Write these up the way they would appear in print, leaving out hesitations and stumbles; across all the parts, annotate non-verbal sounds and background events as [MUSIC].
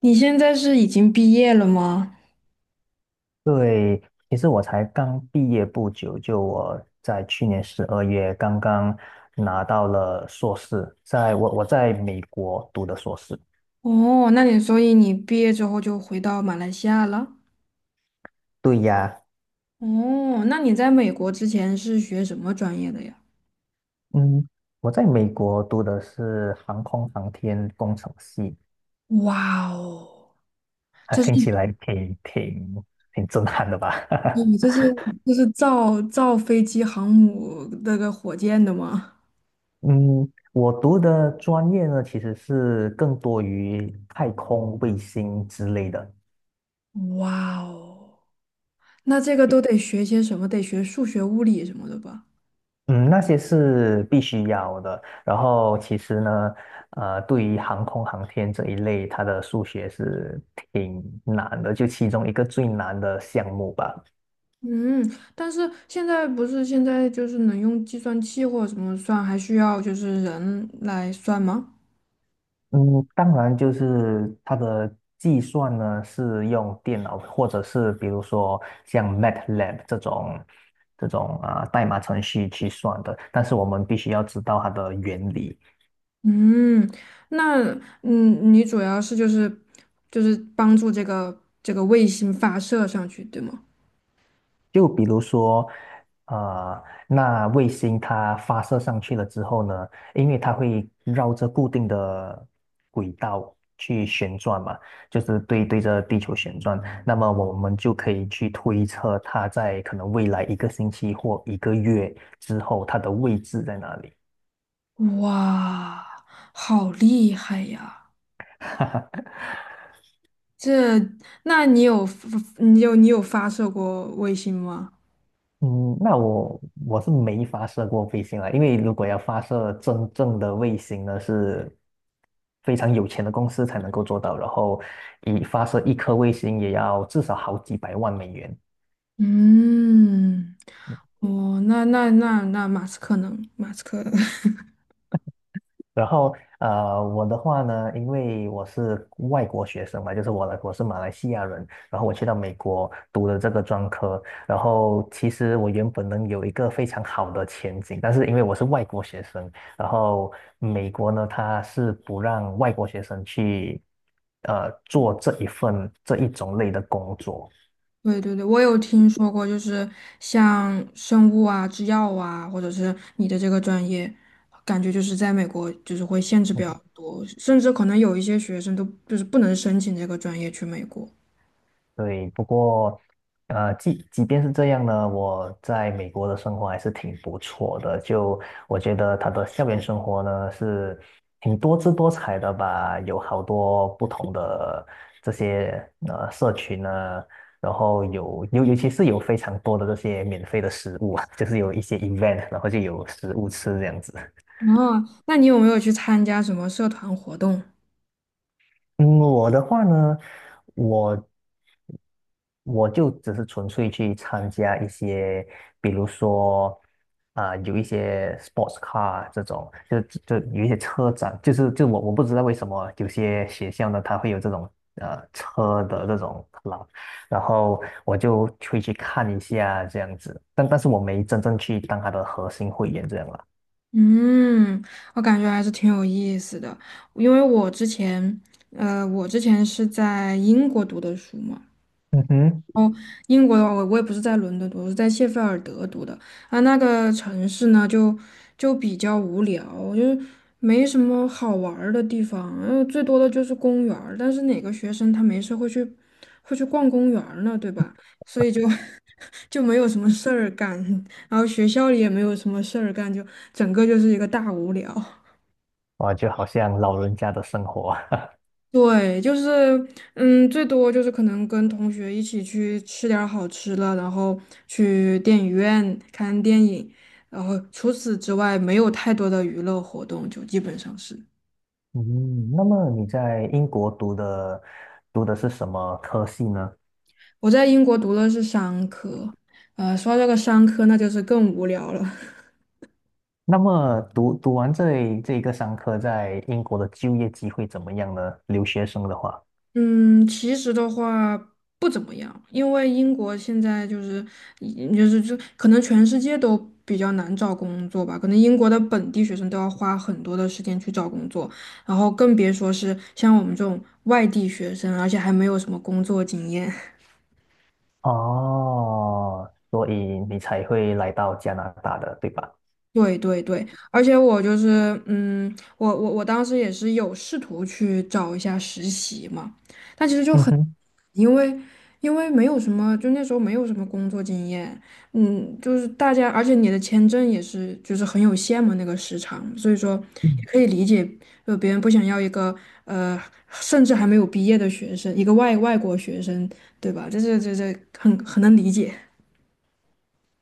你现在是已经毕业了吗？对，其实我才刚毕业不久，就我在去年12月刚刚拿到了硕士，在我在美国读的硕士。哦，所以你毕业之后就回到马来西亚了？对呀，哦，那你在美国之前是学什么专业的呀？嗯，我在美国读的是航空航天工程系，哇哦，啊，这是听起来挺震撼的吧？你这 [LAUGHS] 是这是造飞机、航母那个火箭的吗？嗯，我读的专业呢，其实是更多于太空卫星之类的，哇哦，那这个都得学些什么？得学数学、物理什么的吧？嗯，那些是必须要的。然后其实呢，对于航空航天这一类，它的数学是挺难的，就其中一个最难的项目吧。嗯，但是现在不是现在就是能用计算器或者什么算，还需要就是人来算吗？嗯，当然就是它的计算呢，是用电脑或者是比如说像 MATLAB 这种代码程序去算的，但是我们必须要知道它的原理。嗯，那你主要是就是帮助这个卫星发射上去，对吗？就比如说，呃，那卫星它发射上去了之后呢，因为它会绕着固定的轨道去旋转嘛，就是对着地球旋转，那么我们就可以去推测它在可能未来一个星期或一个月之后它的位置在哪里。哇，好厉害呀！[LAUGHS] 这，那你有发射过卫星吗？嗯，那我是没发射过卫星啊，因为如果要发射真正的卫星呢，是非常有钱的公司才能够做到，然后一发射一颗卫星也要至少好几百万美元。嗯，哦，那马斯克 [LAUGHS] 然后我的话呢，因为我是外国学生嘛，就是我是马来西亚人，然后我去到美国读的这个专科，然后其实我原本能有一个非常好的前景，但是因为我是外国学生，然后美国呢，它是不让外国学生去做这一种类的工作。对对对，我有听说过，就是像生物啊、制药啊，或者是你的这个专业，感觉就是在美国就是会限制比较嗯。多，甚至可能有一些学生都就是不能申请这个专业去美国。对，不过，即便是这样呢，我在美国的生活还是挺不错的。就我觉得他的校园生活呢是挺多姿多彩的吧，有好多不同的这些社群啊，然后有尤其是有非常多的这些免费的食物啊，[LAUGHS] 就是有一些 event,然后就有食物吃这样子。哦，那你有没有去参加什么社团活动？嗯，我的话呢，我我就只是纯粹去参加一些，比如说有一些 sports car 这种，就有一些车展，就是我不知道为什么有些学校呢，它会有这种车的这种 club,然后我就会去看一下这样子，但是我没真正去当它的核心会员这样啦。嗯，我感觉还是挺有意思的，因为我之前是在英国读的书嘛。嗯哼，英国的话，我也不是在伦敦读，我是在谢菲尔德读的啊。那个城市呢，就比较无聊，就是没什么好玩儿的地方，然后最多的就是公园儿。但是哪个学生他没事会去逛公园儿呢，对吧？所以就 [LAUGHS] 就没有什么事儿干，然后学校里也没有什么事儿干，就整个就是一个大无聊。哇，就好像老人家的生活。[LAUGHS] 对，就是，最多就是可能跟同学一起去吃点儿好吃的，然后去电影院看电影，然后除此之外没有太多的娱乐活动，就基本上是。嗯，那么你在英国读的是什么科系呢？我在英国读的是商科，说到这个商科，那就是更无聊了。[LAUGHS] 那么读完这一个商科，在英国的就业机会怎么样呢？留学生的话，嗯，其实的话不怎么样，因为英国现在就是嗯就是就可能全世界都比较难找工作吧，可能英国的本地学生都要花很多的时间去找工作，然后更别说是像我们这种外地学生，而且还没有什么工作经验。[LAUGHS] 哦，所以你才会来到加拿大的，对吧？对对对，而且我就是，我当时也是有试图去找一下实习嘛，但其实就嗯很。哼，因为因为没有什么，就那时候没有什么工作经验，就是大家，而且你的签证也是就是很有限嘛，那个时长，所以说也嗯可以理解，就别人不想要一个呃，甚至还没有毕业的学生，一个外国学生，对吧？这很能理解。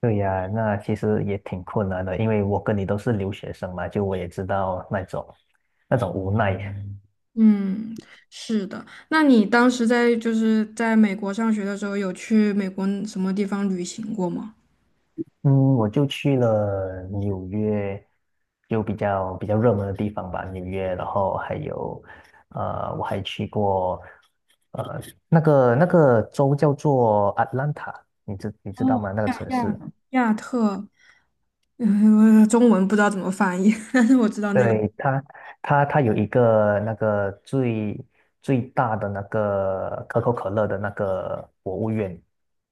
对呀，那其实也挺困难的，因为我跟你都是留学生嘛，就我也知道那种无奈。嗯，是的。那你当时在就是在美国上学的时候，有去美国什么地方旅行过吗？嗯，我就去了纽约，就比较热门的地方吧，纽约，然后还有，我还去过，呃，那个州叫做 Atlanta,你知道哦，吗？那个亚城亚市，亚特。嗯，我中文不知道怎么翻译，[LAUGHS] 但是我知道那个。对，它有一个那个最大的那个可口可乐的那个博物院，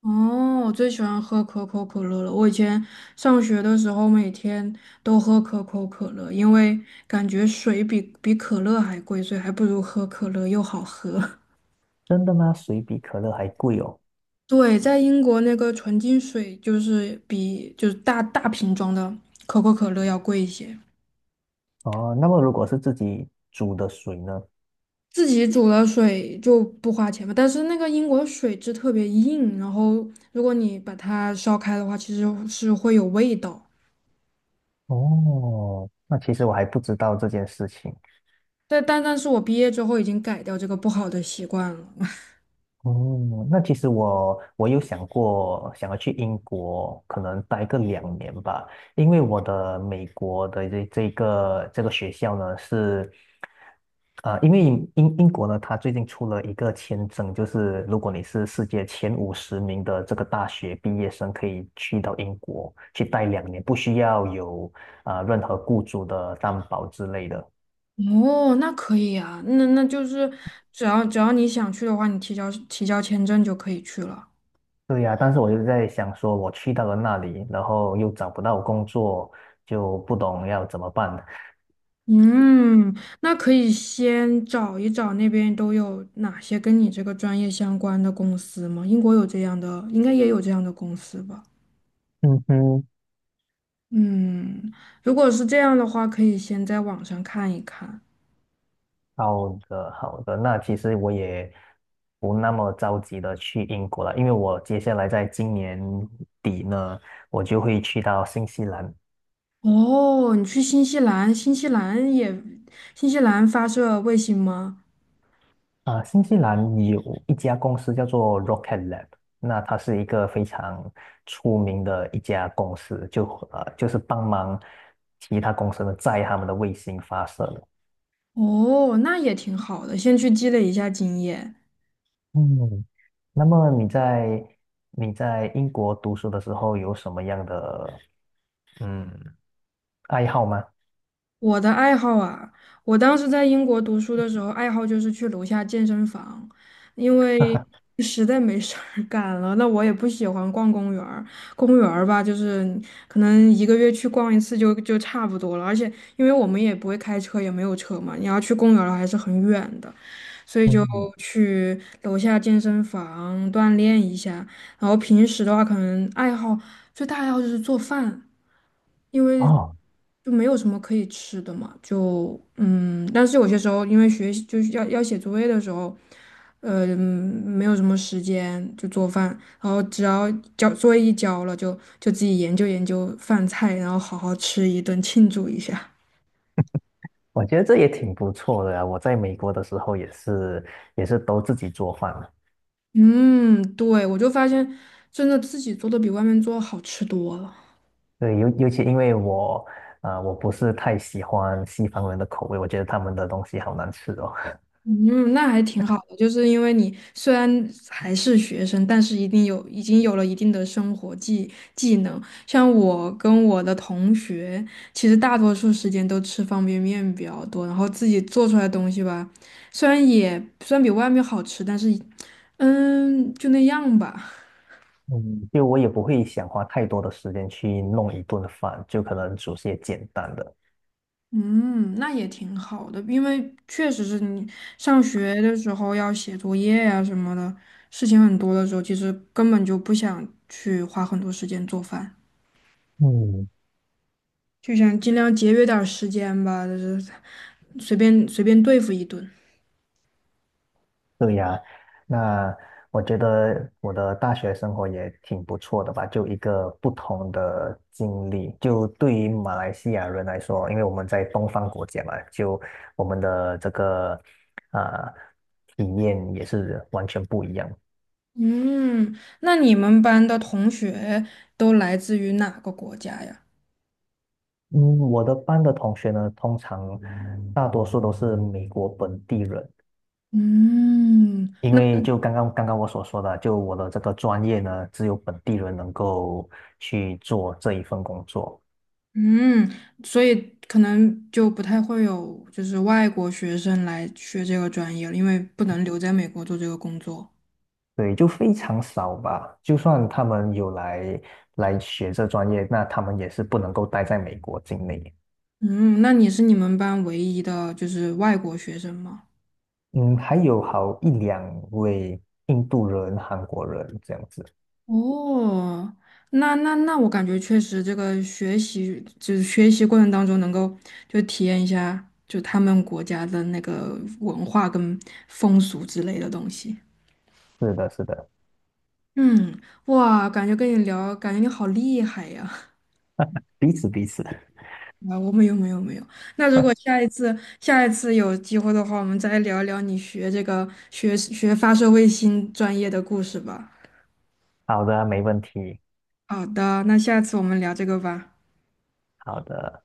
哦，我最喜欢喝可口可乐了。我以前上学的时候，每天都喝可口可乐，因为感觉水比可乐还贵，所以还不如喝可乐又好喝。真的吗？水比可乐还贵哦。[LAUGHS] 对，在英国那个纯净水就是比就是大大瓶装的可口可乐要贵一些。哦，那么如果是自己煮的水呢？自己煮了水就不花钱吧，但是那个英国水质特别硬，然后如果你把它烧开的话，其实是会有味道。哦，那其实我还不知道这件事情。但是我毕业之后已经改掉这个不好的习惯了。哦，那其实我有想过想要去英国，可能待个两年吧，因为我的美国的这个学校呢是，因为英国呢，它最近出了一个签证，就是如果你是世界前50名的这个大学毕业生，可以去到英国去待两年，不需要有任何雇主的担保之类的。[LAUGHS] 哦，那可以啊，那就是只要你想去的话，你提交签证就可以去了。对呀，但是我就在想说，我去到了那里，然后又找不到工作，就不懂要怎么办。嗯，那可以先找一找那边都有哪些跟你这个专业相关的公司吗？英国有这样的，应该也有这样的公司吧。嗯哼，嗯，如果是这样的话，可以先在网上看一看。好的，好的。那其实我也不那么着急的去英国了，因为我接下来在今年底呢，我就会去到新西兰。哦，你去新西兰，新西兰也，新西兰发射卫星吗？新西兰有一家公司叫做 Rocket Lab,那它是一个非常出名的一家公司，就是帮忙其他公司呢载他们的卫星发射的。哦，那也挺好的，先去积累一下经验。嗯，那么你在英国读书的时候有什么样的嗯爱好吗？我的爱好啊，我当时在英国读书的时候，爱好就是去楼下健身房，因为实在没事儿干了。那我也不喜欢逛公园儿吧，就是可能一个月去逛一次就差不多了。而且因为我们也不会开车，也没有车嘛，你要去公园儿还是很远的，所以就嗯，去楼下健身房锻炼一下。然后平时的话，可能最大爱好就是做饭，因为哦，就没有什么可以吃的嘛，但是有些时候因为学习就是要写作业的时候，呃，嗯没有什么时间就做饭，然后只要交作业一交了，就自己研究研究饭菜，然后好好吃一顿庆祝一下。我觉得这也挺不错的呀。我在美国的时候也是都自己做饭了。嗯，对，我就发现真的自己做的比外面做好吃多了。对，尤其因为我不是太喜欢西方人的口味，我觉得他们的东西好难吃哦。嗯，那还挺好的，就是因为你虽然还是学生，但是一定已经有了一定的生活技能。像我跟我的同学，其实大多数时间都吃方便面比较多，然后自己做出来的东西吧，虽然也虽然比外面好吃，但是就那样吧。[LAUGHS] 嗯，就我也不会想花太多的时间去弄一顿饭，就可能煮些简单的。嗯，那也挺好的，因为确实是你上学的时候要写作业呀、什么的，事情很多的时候，其实根本就不想去花很多时间做饭，嗯。就想尽量节约点儿时间吧，就是随便随便对付一顿。对呀，那我觉得我的大学生活也挺不错的吧，就一个不同的经历。就对于马来西亚人来说，因为我们在东方国家嘛，就我们的这个啊、体验也是完全不一样。嗯，那你们班的同学都来自于哪个国家呀？嗯，我的班的同学呢，通常大多数都是美国本地人，嗯。因为就刚刚我所说的，就我的这个专业呢，只有本地人能够去做这一份工作。嗯，所以可能就不太会有就是外国学生来学这个专业了，因为不能留在美国做这个工作。对，就非常少吧。就算他们有来学这专业，那他们也是不能够待在美国境内。嗯，那你是你们班唯一的就是外国学生吗？嗯，还有好一两位印度人、韩国人这样子。哦，那我感觉确实这个学习过程当中能够就体验一下就他们国家的那个文化跟风俗之类的东西。是的，是的，嗯，哇，感觉跟你聊，感觉你好厉害呀。彼此彼此。啊，我没有没有没有。那如果下一次有机会的话，我们再聊聊你学发射卫星专业的故事吧。好的，没问题。好的，那下次我们聊这个吧。好的。